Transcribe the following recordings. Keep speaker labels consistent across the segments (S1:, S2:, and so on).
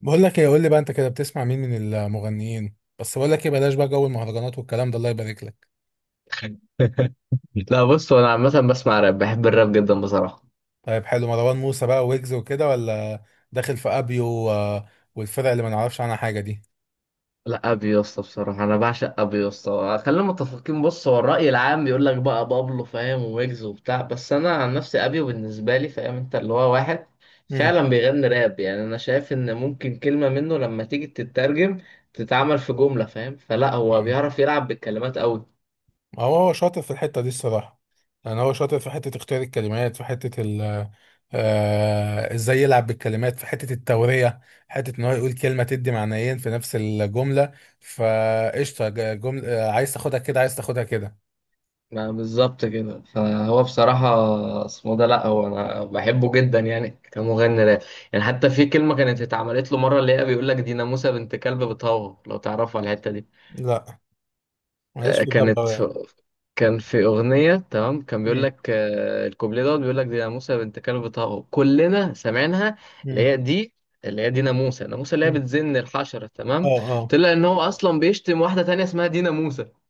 S1: بقول لك ايه، قول لي بقى، انت كده بتسمع مين من المغنيين؟ بس بقول لك ايه، بلاش بقى جو المهرجانات والكلام ده، الله يبارك لك.
S2: لا بص، هو انا عامه بسمع راب، بحب الراب جدا بصراحه.
S1: طيب، حلو. مروان موسى بقى ويجز وكده، ولا داخل في ابيو والفرق اللي ما نعرفش عنها حاجه دي؟
S2: لا ابي يا اسطى بصراحه، انا بعشق ابي يا اسطى، خلينا متفقين. بص هو الراي العام بيقول لك بقى بابلو فاهم ويجز وبتاع، بس انا عن نفسي ابي بالنسبه لي، فاهم؟ انت اللي هو واحد
S1: امم
S2: فعلا بيغني راب. يعني انا شايف ان ممكن كلمه منه لما تيجي تترجم تتعمل في جمله، فاهم؟ فلا هو
S1: فاهم.
S2: بيعرف يلعب بالكلمات قوي.
S1: هو شاطر في الحته دي الصراحه. يعني هو شاطر في حته اختيار الكلمات، في حته ال آه، ازاي يلعب بالكلمات في حته التوريه، حته ان هو يقول كلمه تدي معنيين في نفس الجمله. فقشطه، جمله. عايز تاخدها كده، عايز تاخدها كده.
S2: ما بالظبط كده. فهو بصراحة اسمه ده لأ، هو أنا بحبه جدا يعني كمغني راب. يعني حتى في كلمة كانت اتعملت له مرة اللي هي بيقول لك دي ناموسة بنت كلب بتهوه، لو تعرفوا على الحتة دي.
S1: لا، ماليش
S2: آه،
S1: في ده
S2: كانت
S1: بقى.
S2: في- كان في أغنية تمام، كان بيقول
S1: مم.
S2: لك الكوبليه دوت بيقول لك دي ناموسة بنت كلب بتهوه، كلنا سمعناها. اللي
S1: مم.
S2: هي دي اللي هي دي ناموسة، ناموسة اللي هي
S1: مم.
S2: بتزن الحشرة تمام.
S1: اه، اه.
S2: طلع إن هو أصلا بيشتم واحدة تانية اسمها دي ناموسة.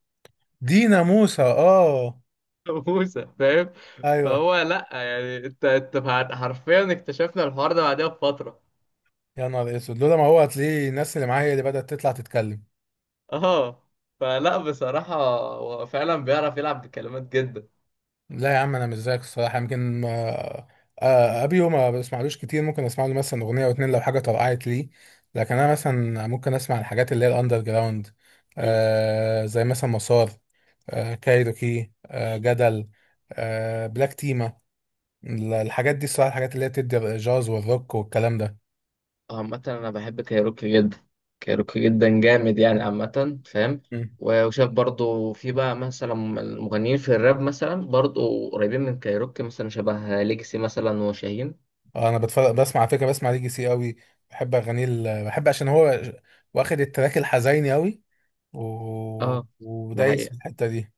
S1: دينا موسى. اه.
S2: ناموسة، فاهم؟
S1: ايوه.
S2: فهو لا، يعني حرفيا اكتشفنا الحوار ده بعدها بفترة.
S1: يا نهار اسود، لولا ما هو هتلاقيه الناس اللي معايا اللي بدأت تطلع تتكلم.
S2: اه. فلا بصراحة هو فعلا بيعرف يلعب بكلمات جدا.
S1: لا يا عم، انا مش زيك الصراحه، يمكن ابيو ما بسمعلوش كتير، ممكن اسمع له مثلا اغنيه او اتنين لو حاجه طرقعت ليه. لكن انا مثلا ممكن اسمع الحاجات اللي هي الاندر جراوند. زي مثلا مسار، كايروكي، جدل، بلاك تيما. الحاجات دي الصراحه، الحاجات اللي هي بتدي الجاز والروك والكلام
S2: عامة أنا بحب كايروكي جدا، كايروكي جدا جامد يعني عامة، فاهم؟
S1: ده.
S2: و- وشايف برضو في بقى مثلا المغنيين في الراب مثلا برضو قريبين من كايروكي، مثلا شبه ليجسي مثلا وشاهين.
S1: انا بتفرج، بسمع على فكره، بسمع ليجي سي قوي. بحب اغانيه، بحب عشان هو واخد التراك الحزيني قوي.
S2: اه، ده
S1: ودايس في
S2: حقيقة.
S1: الحته دي.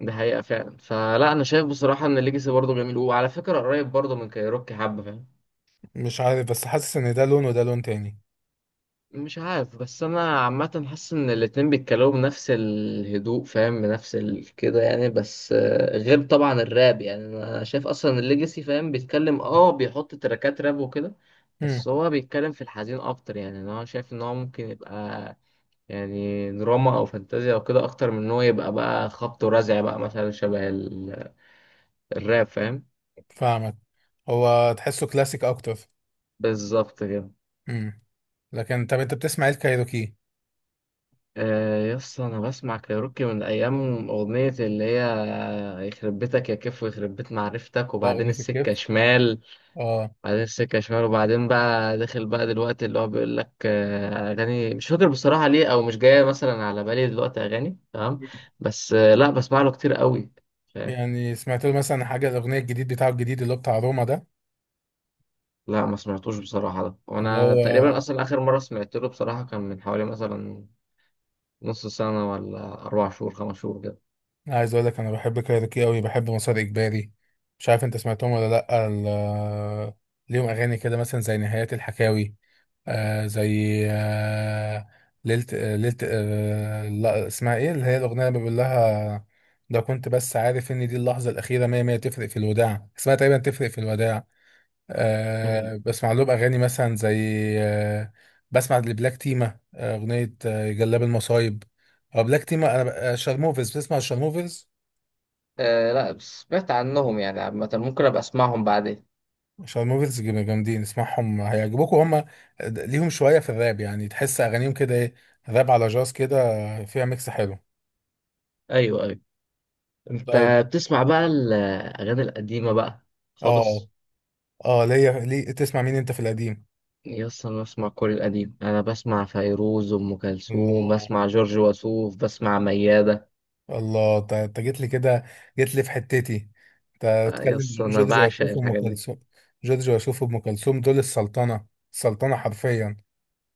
S2: ده حقيقة فعلا. فلا أنا شايف بصراحة إن ليجسي برضو جميل، وعلى فكرة قريب برضو من كايروكي حبة، فاهم؟
S1: مش عارف، بس حاسس ان ده لون وده لون تاني.
S2: مش عارف، بس انا عامه حاسس ان الاتنين بيتكلموا بنفس الهدوء، فاهم؟ بنفس كده يعني، بس غير طبعا الراب. يعني انا شايف اصلا الليجاسي فاهم بيتكلم، اه بيحط تراكات راب وكده، بس
S1: امم.
S2: هو بيتكلم في الحزين اكتر. يعني انا شايف ان هو ممكن يبقى يعني دراما او فانتازيا او كده، اكتر من ان هو يبقى بقى خبط ورزع بقى مثلا شبه الراب، فاهم؟
S1: فاهمك. هو تحسه كلاسيك اكتر.
S2: بالظبط كده.
S1: امم لكن طب، انت بتسمع ايه الكايروكي؟
S2: يس انا بسمع كايروكي من ايام اغنيه اللي هي يخرب بيتك يا كيف، ويخرب بيت معرفتك، وبعدين
S1: اغنيه
S2: السكه
S1: الكيف.
S2: شمال.
S1: اه.
S2: بعدين السكه شمال، وبعدين بقى داخل بقى دلوقتي اللي هو بيقول لك اغاني مش فاكر بصراحه ليه، او مش جايه مثلا على بالي دلوقتي اغاني تمام. بس لا بسمع له كتير قوي، فاهم؟
S1: يعني سمعت له مثلا حاجه، الاغنيه الجديد بتاعه الجديد اللي هو بتاع روما ده،
S2: لا ما سمعتوش بصراحه ده،
S1: اللي
S2: وانا تقريبا
S1: هو...
S2: اصلا اخر مره سمعت له بصراحه كان من حوالي مثلا نص سنه ولا اربع شهور خمس شهور
S1: عايز اقول لك، انا بحب كايروكي قوي، بحب مسار اجباري. مش عارف انت سمعتهم ولا لا، ليهم اغاني كده مثلا زي نهايات الحكاوي. زي ليلة لا، اسمها ايه؟ اللي هي الاغنيه اللي بيقول لها، لو كنت بس عارف ان دي اللحظه الاخيره، مية مية. تفرق في الوداع، اسمها تقريبا تفرق في الوداع.
S2: كده.
S1: بسمع لهم اغاني مثلا زي، آه بسمع لبلاك تيما اغنيه جلاب المصايب. أو بلاك تيما، انا شارموفرز. بتسمع شارموفرز؟
S2: آه لا، بس سمعت عنهم يعني، عامة ممكن أبقى أسمعهم بعدين.
S1: عشان الموفيز جامدين، اسمعهم هيعجبوكوا هم. ليهم شوية في الراب، يعني تحس أغانيهم كده إيه، راب على جاز كده، فيها ميكس حلو.
S2: ايوه ايوه. انت
S1: طيب.
S2: بتسمع بقى الاغاني القديمه بقى
S1: اه،
S2: خالص؟
S1: اه. ليه تسمع مين أنت في القديم؟
S2: يس، أنا بسمع كل القديم، أنا بسمع فيروز، أم كلثوم،
S1: الله،
S2: بسمع جورج وسوف، بسمع ميادة.
S1: الله. أنت جيت لي كده. جيت لي في حتتي. أنت تتكلم
S2: يس أنا
S1: جورج
S2: بعشق
S1: وسوف وأم
S2: الحاجات دي.
S1: كلثوم؟ جورج وسوف وأم كلثوم دول السلطنة. السلطنة حرفيا.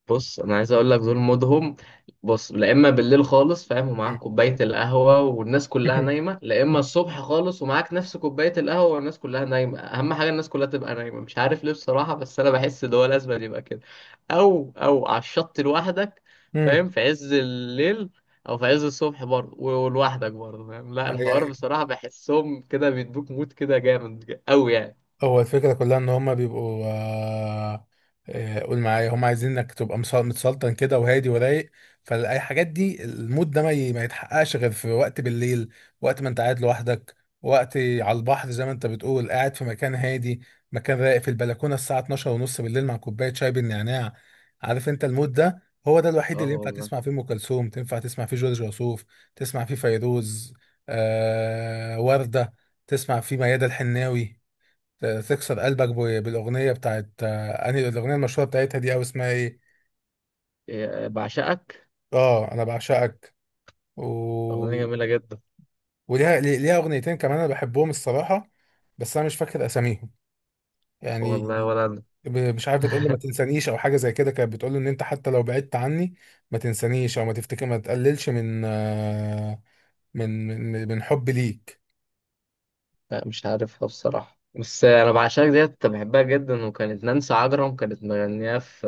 S2: بص انا عايز اقول لك دول مودهم. بص، لا اما بالليل خالص، فاهم؟ ومعاك كوبايه القهوه والناس كلها نايمه، لا اما الصبح خالص ومعاك نفس كوبايه القهوه والناس كلها نايمه. اهم حاجه الناس كلها تبقى نايمه، مش عارف ليه بصراحه، بس انا بحس ان هو لازم يبقى كده. او على الشط لوحدك، فاهم؟ في عز الليل او في عز الصبح برضه، و- ولوحدك برضه، فاهم؟ لا الحوار
S1: مم.
S2: بصراحه بحسهم كده بيدوك مود كده جامد قوي يعني.
S1: هو الفكرة كلها ان هما بيبقوا قول معايا، هما عايزين انك تبقى متسلطن كده، وهادي ورايق. فالاي حاجات دي، المود ده ما يتحققش غير في وقت بالليل، وقت ما انت قاعد لوحدك، وقت على البحر، زي ما انت بتقول، قاعد في مكان هادي، مكان رايق، في البلكونة، الساعة 12 ونص بالليل، مع كوباية شاي بالنعناع. عارف انت المود ده؟ هو ده الوحيد
S2: اه
S1: اللي ينفع
S2: والله.
S1: تسمع فيه ام كلثوم، تنفع تسمع فيه جورج وسوف، تسمع فيه فيروز، وردة، تسمع فيه ميادة الحناوي. تكسر قلبك بالاغنيه بتاعت انهي الاغنيه المشهوره بتاعتها دي، او اسمها ايه؟
S2: بعشقك،
S1: اه، انا بعشقك. و...
S2: اغنيه جميله جدا.
S1: وليها ليها اغنيتين كمان، انا بحبهم الصراحه. بس انا مش فاكر اساميهم. يعني
S2: والله ولا انا.
S1: مش عارف، بتقول لي ما تنسانيش او حاجه زي كده. كانت بتقول له ان انت حتى لو بعدت عني ما تنسانيش، او ما تفتكر ما تقللش من من حبي ليك.
S2: لا مش عارفها بصراحة، بس أنا بعشقك ديت كنت بحبها جدا، وكانت نانسي عجرم كانت مغنية في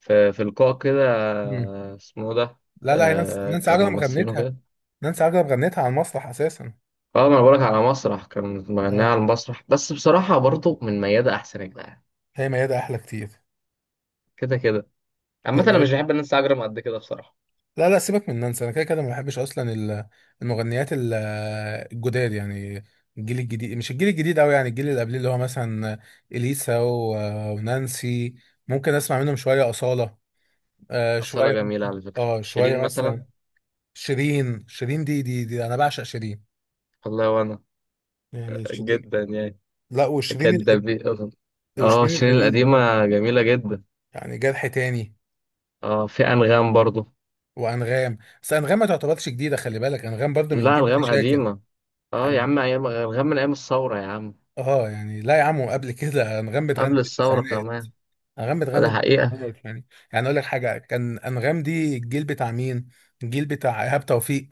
S2: في لقاء كده،
S1: مم.
S2: اسمه إيه ده؟
S1: لا، لا، هي نانسي
S2: كان
S1: عجرم
S2: ممثلين
S1: غنتها.
S2: وكده.
S1: نانسي عجرم غنتها على المسرح اساسا.
S2: اه ما انا بقولك على مسرح، كانت مغنية
S1: اه،
S2: على المسرح. بس بصراحة برضه من ميادة أحسن يا جدعان.
S1: هي ميادة احلى كتير.
S2: كده كده، عامة
S1: هي
S2: أنا مش
S1: ميادة.
S2: بحب نانسي عجرم قد كده بصراحة.
S1: لا، لا، سيبك من نانسي. انا كده كده ما بحبش اصلا المغنيات الجداد يعني. الجيل الجديد، مش الجيل الجديد قوي، يعني الجيل اللي قبليه، اللي هو مثلا اليسا ونانسي. ممكن اسمع منهم شويه، اصاله.
S2: أصالة
S1: شويه،
S2: جميلة على فكرة، شيرين
S1: شويه
S2: مثلا.
S1: مثلا. شيرين. دي انا بعشق شيرين.
S2: والله وأنا،
S1: يعني شيرين.
S2: جدا يعني.
S1: لا، وشيرين القديم.
S2: كدابين، اه
S1: وشيرين
S2: شيرين
S1: القديم،
S2: القديمة جميلة جدا.
S1: يعني جرح تاني.
S2: اه في أنغام برضه.
S1: وانغام. بس انغام ما تعتبرش جديده، خلي بالك، انغام برضو من
S2: لا
S1: جيل
S2: أنغام
S1: شاكر
S2: قديمة، اه يا
S1: يعني.
S2: عم ايام غير، من ايام الثوره يا عم.
S1: اه يعني، لا يا عم، قبل كده انغام بتغني
S2: قبل الثوره
S1: بالتسعينات.
S2: كمان.
S1: انغام
S2: ده
S1: بتغني
S2: حقيقه.
S1: بالتسعينات يعني. يعني اقول لك حاجه، كان انغام دي الجيل بتاع مين؟ الجيل بتاع ايهاب توفيق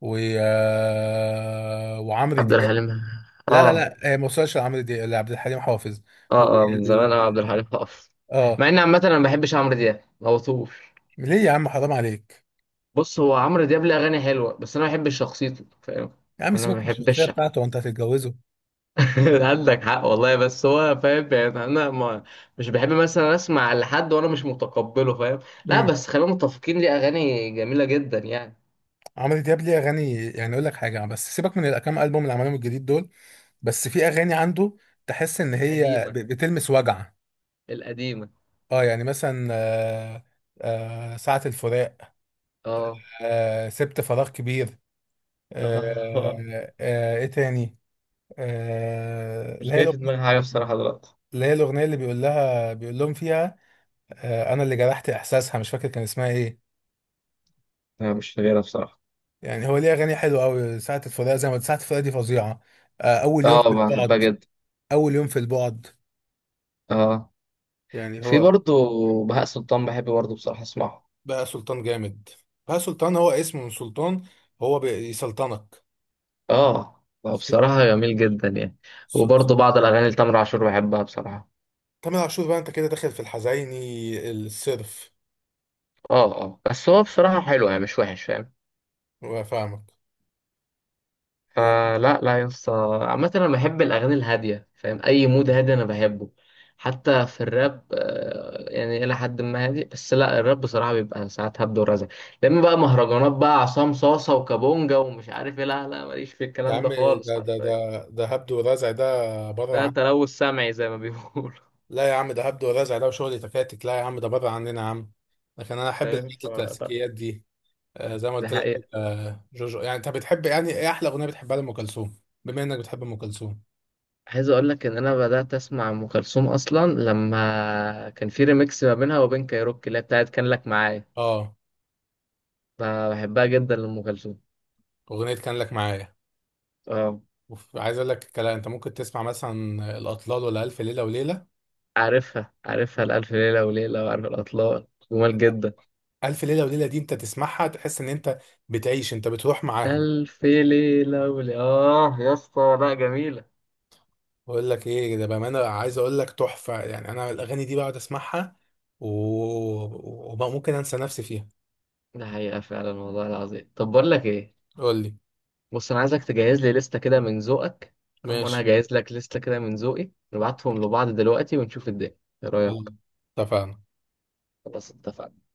S1: و آه، وعمرو
S2: عبد
S1: دياب.
S2: الحليم.
S1: لا، لا،
S2: اه
S1: لا، هي ما وصلش لعمرو دياب، لعبد الحليم حافظ. و...
S2: اه، اه من زمان، اه عبد الحليم حافظ.
S1: اه.
S2: مع ان عامه انا ما بحبش عمرو دياب، ما بطوش.
S1: ليه يا عم، حرام عليك.
S2: بص هو عمرو دياب ليه اغاني حلوه، بس انا ما بحبش شخصيته، فاهم؟
S1: يا عم،
S2: انا ما
S1: سيبك من الشخصيه
S2: بحبش.
S1: بتاعته، وانت هتتجوزه؟
S2: عندك حق والله، بس هو فاهم، يعني انا ما مش بحب مثلا اسمع لحد وانا مش متقبله، فاهم؟ لا
S1: امم
S2: بس خلينا متفقين، ليه اغاني جميله جدا يعني.
S1: عمرو دياب ليه اغاني، يعني اقول لك حاجه، بس سيبك من الكام البوم اللي عملهم الجديد دول. بس في اغاني عنده، تحس ان هي
S2: القديمه،
S1: بتلمس وجع.
S2: القديمه.
S1: اه، يعني مثلا ساعة الفراق،
S2: اه.
S1: سبت فراغ كبير، ايه تاني؟ آه، اللي
S2: مش
S1: هي
S2: جاي في
S1: الأغنية-
S2: دماغي حاجة بصراحة دلوقتي.
S1: اللي هي الأغنية اللي بيقول لهم فيها، أنا اللي جرحت إحساسها، مش فاكر كان اسمها إيه.
S2: لا مش فاكرها بصراحة.
S1: يعني هو ليه أغاني حلوة أوي، ساعة الفراق زي ما قلت، ساعة الفراق دي فظيعة. آه، أول يوم
S2: اه
S1: في
S2: بحبها
S1: البعد
S2: جدا.
S1: أول يوم في البعد.
S2: اه
S1: يعني
S2: في
S1: هو،
S2: برضو بهاء سلطان بحب برضو بصراحة اسمعه.
S1: بقى سلطان جامد. بقى سلطان، هو اسمه من سلطان، هو بيسلطنك.
S2: اه. بصراحة جميل جدا يعني. وبرضو بعض الأغاني لتامر عاشور بحبها بصراحة.
S1: تامر عاشور، بقى انت كده داخل في الحزيني الصرف.
S2: اه اه بس هو بصراحة حلو يعني مش وحش، فاهم؟
S1: وفاهمك. يا عم.
S2: فلا لا يا اسطى. عامة انا بحب الاغاني الهادية، فاهم؟ اي مود هادي انا بحبه. حتى في الراب يعني الى حد ما هادي، بس لا الراب بصراحة بيبقى ساعات هبد ورزع. لما بقى مهرجانات بقى عصام صاصة وكابونجا ومش عارف ايه، لا لا ماليش في
S1: يا
S2: الكلام
S1: عم،
S2: ده خالص
S1: ده ده
S2: حرفيا.
S1: ده ده هبد ورزع ده، بره
S2: ده
S1: عن...
S2: تلوث سمعي زي ما بيقولوا.
S1: لا يا عم، ده هبد ورزع، ده وشغل تكاتك. لا يا عم، ده بره عننا يا عم. لكن انا احب
S2: فاهم؟
S1: الحاجات
S2: فلا
S1: الكلاسيكيات دي. زي ما
S2: ده
S1: قلت لك.
S2: حقيقة.
S1: جوجو، يعني انت بتحب، يعني ايه احلى اغنيه بتحبها لام كلثوم، بما انك بتحب ام كلثوم؟
S2: عايز اقول لك ان انا بدأت اسمع ام كلثوم اصلا لما كان في ريميكس ما بينها وبين كايروكي اللي هي بتاعت كان لك معايا.
S1: اه،
S2: ب- بحبها جدا لام كلثوم.
S1: اغنيه كان لك معايا.
S2: اه
S1: عايز اقول لك الكلام، انت ممكن تسمع مثلا الاطلال ولا الف ليله وليله؟
S2: عارفها، عارفها الألف ليلة وليلة، وعارف الأطلال، جمال جدا.
S1: ألف ليلة وليلة دي، أنت تسمعها تحس إن أنت بتعيش، أنت بتروح معاها.
S2: ألف ليلة وليلة آه يا اسطى، لا جميلة.
S1: بقول لك إيه، ده بأمانة، عايز أقول لك، تحفة. يعني أنا الأغاني دي بقعد أسمعها، و... وممكن أنسى نفسي فيها.
S2: ده حقيقة فعلا والله العظيم. طب بقول لك إيه،
S1: قول لي.
S2: بص أنا عايزك تجهز لي لستة كده من ذوقك، أما أنا
S1: ماشي.
S2: هجهز لك لستة كده من ذوقي، نبعتهم لبعض دلوقتي ونشوف الدنيا. إيه
S1: خلاص.
S2: رأيك؟
S1: اتفقنا.
S2: خلاص اتفقنا.